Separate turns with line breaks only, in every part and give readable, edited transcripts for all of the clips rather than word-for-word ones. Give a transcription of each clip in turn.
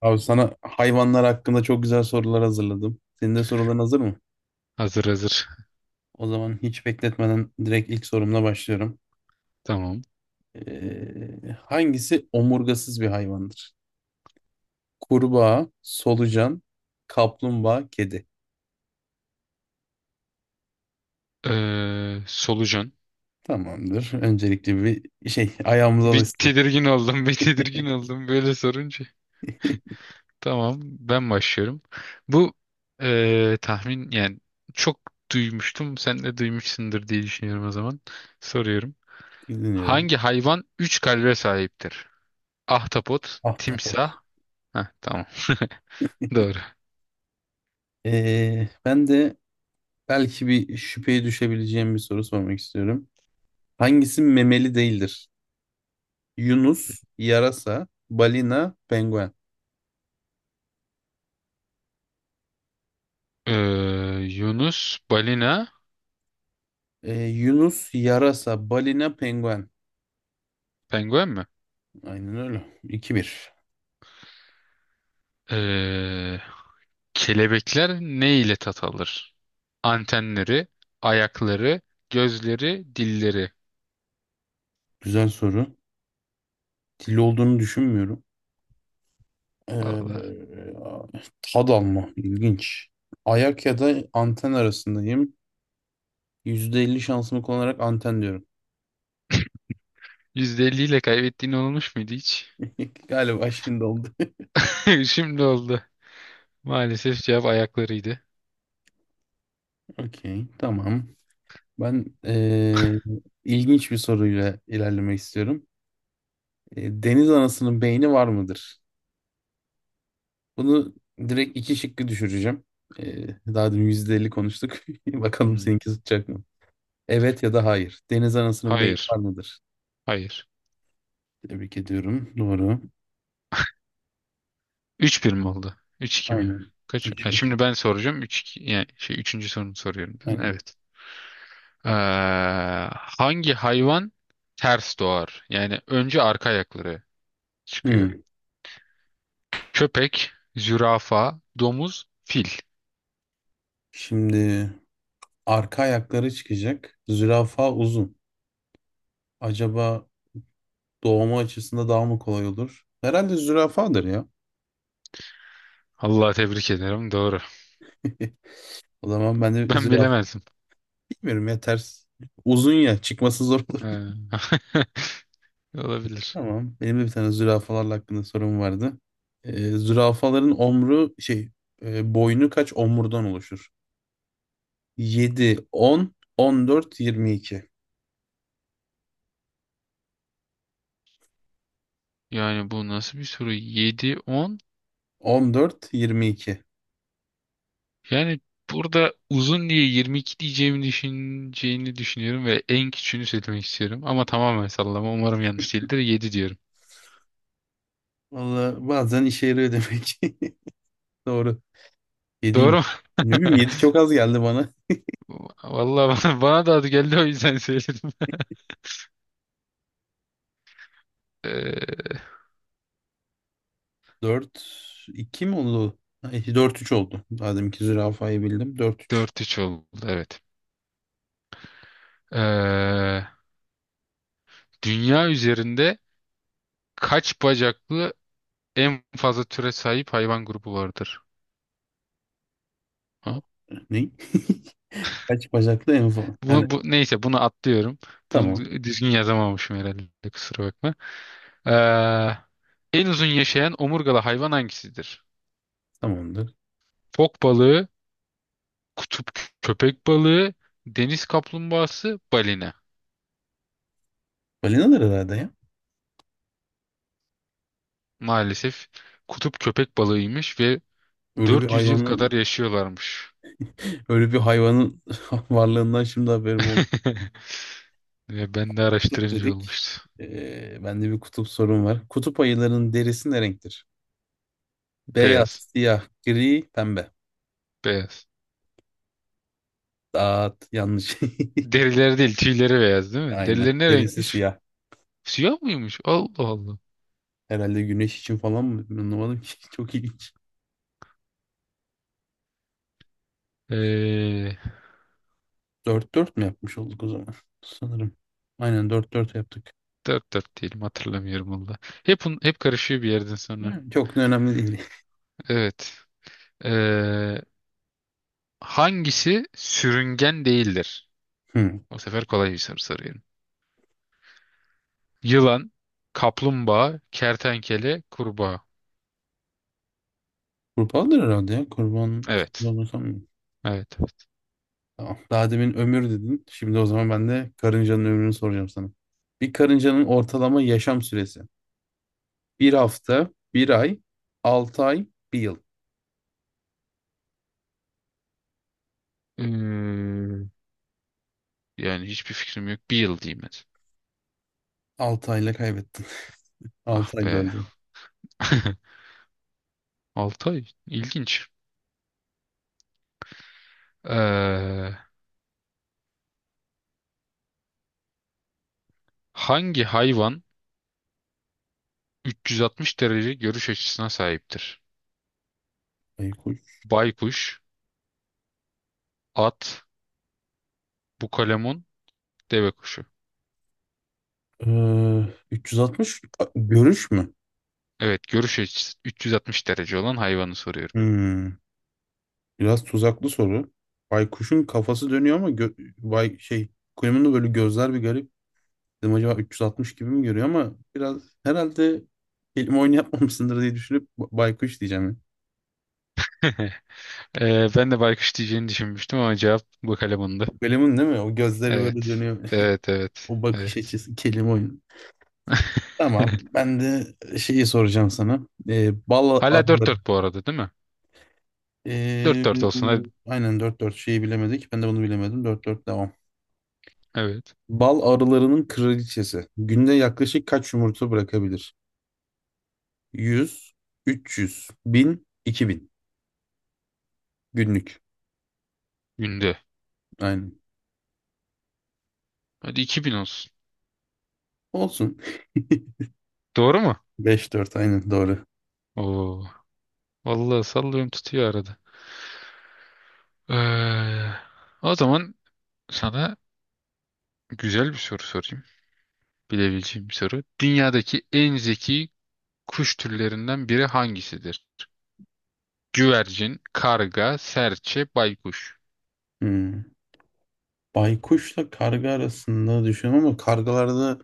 Abi sana hayvanlar hakkında çok güzel sorular hazırladım. Senin de soruların hazır mı?
Hazır hazır.
O zaman hiç bekletmeden direkt ilk sorumla başlıyorum.
Tamam.
Hangisi omurgasız bir hayvandır? Kurbağa, solucan, kaplumbağa, kedi.
Solucan.
Tamamdır. Öncelikle bir şey ayağımıza
Bir
alışsın.
tedirgin oldum, bir tedirgin oldum böyle sorunca. Tamam, ben başlıyorum. Bu tahmin yani çok duymuştum. Sen de duymuşsundur diye düşünüyorum o zaman. Soruyorum.
Dinliyorum.
Hangi hayvan üç kalbe sahiptir? Ahtapot,
Ahtapot.
timsah. Heh, tamam. Doğru.
Ben de belki bir şüpheye düşebileceğim bir soru sormak istiyorum. Hangisi memeli değildir? Yunus, yarasa, balina, penguen.
Ee, Yunus, balina,
Yunus yarasa, balina, penguen.
penguen mi?
Aynen öyle. 2 bir.
Ee, kelebekler ne ile tat alır? Antenleri, ayakları, gözleri, dilleri.
Güzel soru. Dil olduğunu düşünmüyorum.
Vallahi.
Ee, tad alma. İlginç. Ayak ya da anten arasındayım. %50 şansımı kullanarak anten diyorum.
%50 ile kaybettiğin olmuş muydu hiç?
Galiba şimdi oldu.
Şimdi oldu. Maalesef cevap ayaklarıydı.
Okey, tamam. Ben ilginç bir soruyla ilerlemek istiyorum. Deniz anasının beyni var mıdır? Bunu direkt iki şıkkı düşüreceğim. Daha dün %50 konuştuk. Bakalım
Hmm.
seninki tutacak mı? Evet ya da hayır. Deniz anasının beyni var
Hayır.
mıdır?
Hayır.
Tebrik ediyorum. Doğru.
3-1 mi oldu? Üç 2 mi?
Aynen.
Kaç? Ha,
3-1.
şimdi ben soracağım. Üç. 2 yani şey 3. sorunu soruyorum değil mi?
Aynen.
Evet. Ee, hangi hayvan ters doğar? Yani önce arka ayakları çıkıyor.
Hmm.
Köpek, zürafa, domuz, fil.
Şimdi arka ayakları çıkacak. Zürafa uzun. Acaba doğumu açısında daha mı kolay olur? Herhalde zürafadır ya.
Allah tebrik ederim. Doğru.
O zaman ben de
Ben
zürafa
bilemezdim.
bilmiyorum ya ters. Uzun ya çıkması zor. Olur.
Ee, Olabilir.
Tamam. Benim de bir tane zürafalarla hakkında sorum vardı. Zürafaların omru şey boynu kaç omurdan oluşur? Yedi, 10, 14, 22.
Yani bu nasıl bir soru? 7 10.
On dört, yirmi iki.
Yani burada uzun diye 22 diyeceğimi düşüneceğini düşünüyorum ve en küçüğünü söylemek istiyorum. Ama tamamen sallama. Umarım yanlış değildir. Yedi diyorum.
Valla bazen işe yarıyor demek ki. Doğru.
Doğru
7'yim.
mu?
Ne bileyim, yedi çok az geldi bana.
Vallahi bana da adı geldi o yüzden söyledim. Ee,
4, 2 mi oldu? Ay, 4 3 oldu. Madem ki zürafayı bildim. Dört üç.
4-3 oldu. Evet. Ee, dünya üzerinde kaç bacaklı en fazla türe sahip hayvan grubu vardır?
Ne? Kaç bacaklı en fazla? Yani
Neyse bunu atlıyorum. Bunu
tamam.
düzgün yazamamışım herhalde, kusura bakma. Ee, en uzun yaşayan omurgalı hayvan hangisidir?
Tamamdır.
Fok balığı, kutup köpek balığı, deniz kaplumbağası, balina.
Balinalar herhalde ya.
Maalesef kutup köpek balığıymış ve
Öyle bir
400 yıl kadar
hayvanın
yaşıyorlarmış.
öyle bir hayvanın varlığından şimdi haberim oldu.
Ve ben de
Kutup
araştırınca
dedik.
olmuştu.
Bende bir kutup sorun var. Kutup ayılarının derisi ne renktir? Beyaz,
Beyaz,
siyah, gri, pembe.
beyaz.
Dağıt, yanlış.
Derileri değil, tüyleri beyaz değil mi?
Aynen.
Derileri ne
Derisi
renkmiş?
siyah.
Siyah mıymış? Allah Allah.
Herhalde güneş için falan mı? Anlamadım ki. Çok ilginç.
Ee,
Dört dört mü yapmış olduk o zaman? Sanırım. Aynen dört dört yaptık.
Dört dört değilim, hatırlamıyorum valla. Hep karışıyor bir yerden sonra.
Yani çok da önemli değil.
Evet. Ee, hangisi sürüngen değildir?
Hmm.
Bu sefer kolay bir soru soruyorum. Yılan, kaplumbağa, kertenkele, kurbağa.
Kurbandır herhalde ya. Kurban,
Evet.
kurban olsam.
Evet. Evet.
Tamam. Daha demin ömür dedin. Şimdi o zaman ben de karıncanın ömrünü soracağım sana. Bir karıncanın ortalama yaşam süresi. Bir hafta, bir ay, 6 ay, bir yıl.
Ee, yani hiçbir fikrim yok. Bir yıl diyeyim hadi.
Altı ayla kaybettin.
Ah
Altı ay
be.
dördü.
6 ay. İlginç. Ee, hangi hayvan 360 derece görüş açısına sahiptir?
Ay kuş.
Baykuş, at, bukalemun, deve kuşu.
Ee, 360 görüş mü?
Evet, görüş açısı 360 derece olan hayvanı soruyorum.
Hmm, biraz tuzaklı soru. Baykuşun kafası dönüyor ama bay şey kuyumun da böyle gözler bir garip. Dedim acaba 360 gibi mi görüyor ama biraz herhalde kelime oyunu yapmamışsındır diye düşünüp baykuş diyeceğim.
Ben de baykuş diyeceğini düşünmüştüm ama cevap bıkalemundu.
Golem'in değil mi? O gözleri böyle
Evet.
dönüyor.
Evet, evet.
O bakış
Evet.
açısı kelime oyunu. Tamam. Ben de şeyi soracağım sana. Bal
Hala
arıları.
4-4 bu arada değil mi?
Ee,
4-4 olsun hadi.
aynen dört dört şeyi bilemedik. Ben de bunu bilemedim. Dört dört devam.
Evet.
Bal arılarının kraliçesi. Günde yaklaşık kaç yumurta bırakabilir? 100, 300, 1000, 2000 günlük.
Günde.
Aynen.
Hadi 2000 olsun.
Olsun.
Doğru mu?
Beş dört aynen doğru.
Oo. Vallahi sallıyorum, tutuyor arada. Ee, o zaman sana güzel bir soru sorayım. Bilebileceğim bir soru. Dünyadaki en zeki kuş türlerinden biri hangisidir? Güvercin, karga, serçe, baykuş.
Hmm. Baykuşla karga arasında düşünüyorum ama kargalarda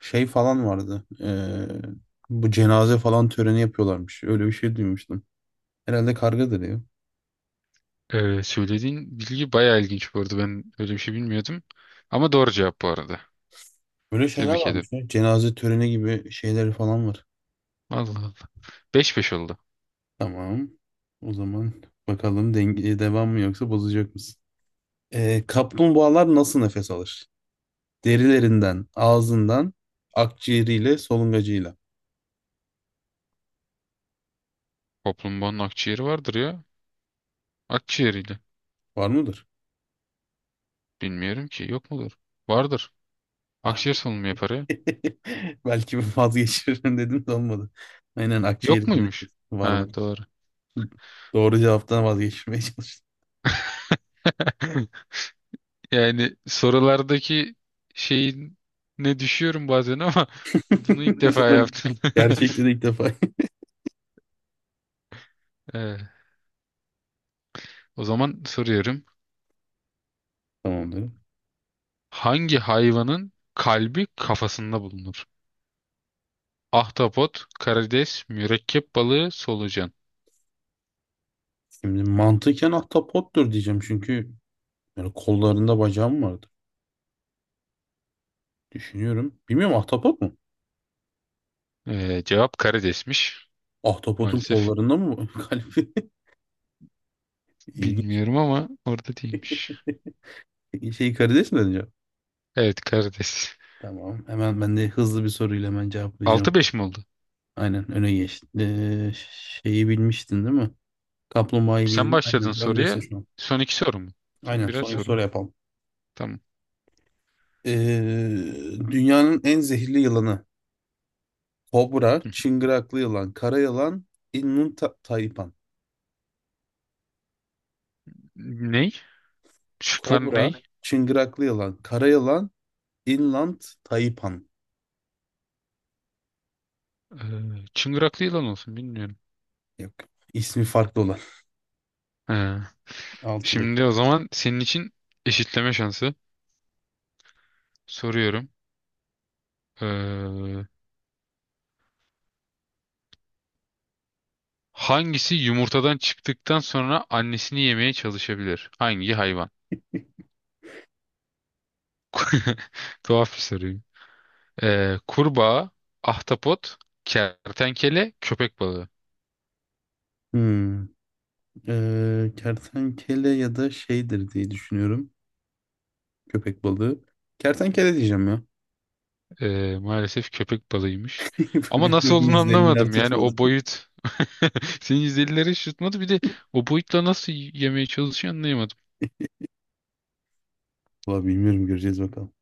şey falan vardı. Bu cenaze falan töreni yapıyorlarmış. Öyle bir şey duymuştum. Herhalde kargadır ya.
Söylediğin bilgi bayağı ilginç bu arada. Ben öyle bir şey bilmiyordum. Ama doğru cevap bu arada.
Böyle şeyler
Tebrik
varmış
ederim.
ya. Cenaze töreni gibi şeyleri falan var.
Allah Allah. 5-5 oldu.
Tamam. O zaman bakalım denge devam mı yoksa bozacak mısın? Kaplumbağalar nasıl nefes alır? Derilerinden, ağzından, akciğeriyle, solungacıyla.
Kaplumbağanın akciğeri vardır ya. Akciğeriyle.
Var mıdır?
Bilmiyorum ki. Yok mudur? Vardır.
Ah.
Akciğer solunumu yapar ya.
Belki vazgeçirim dedim de olmadı. Aynen
Yok
akciğeri dinledim.
muymuş?
Var
Ha
var.
doğru.
Doğru cevaptan vazgeçmeye çalıştım.
Yani sorulardaki şeyin ne düşüyorum bazen ama bunu ilk
Bu
defa
sefer
yaptım.
gerçekte ilk defa.
Ee, o zaman soruyorum.
Tamamdır.
Hangi hayvanın kalbi kafasında bulunur? Ahtapot, karides, mürekkep balığı, solucan.
Şimdi mantıken ahtapottur diyeceğim çünkü yani kollarında bacağım vardı. Düşünüyorum. Bilmiyorum, ahtapot mu?
Cevap karidesmiş.
Ahtapotun
Maalesef
kollarında mı kalbi? İlginç.
bilmiyorum ama orada değilmiş.
Şey, karides mi dedin cevap?
Evet, karides.
Tamam. Hemen ben de hızlı bir soruyla hemen cevaplayacağım.
6-5 mi oldu?
Aynen öne geçti. Şeyi bilmiştin değil mi? Kaplumbağayı
Sen
bildin.
başladın
Aynen. Öndesin
soruya.
şu an.
Son iki soru mu? Son
Aynen.
birer
Son iki
soru mu?
soru yapalım.
Tamam.
Dünyanın en zehirli yılanı. Kobra,
Hı hı.
çıngıraklı yılan, kara yılan, inland taipan.
Ney? Şıklar
Kobra,
ney?
çıngıraklı yılan, kara yılan, inland taipan.
Ee, çıngıraklı yılan olsun bilmiyorum.
Yok. İsmi farklı olan.
Ee,
Altı bek.
şimdi o zaman senin için eşitleme şansı soruyorum. Ee, Hangisi yumurtadan çıktıktan sonra annesini yemeye çalışabilir? Hangi hayvan? Tuhaf bir soru. Kurbağa, ahtapot, kertenkele, köpek balığı.
Hmm. Kertenkele ya da şeydir diye düşünüyorum. Köpek balığı. Kertenkele diyeceğim ya.
Maalesef köpek balığıymış. Ama
Benim
nasıl
de bir
olduğunu
izlenimler
anlamadım. Yani
tutmadı.
o boyut. Senin 150'lere şutmadı. Bir de o boyutla nasıl yemeye çalışıyor
Valla bilmiyorum, göreceğiz bakalım.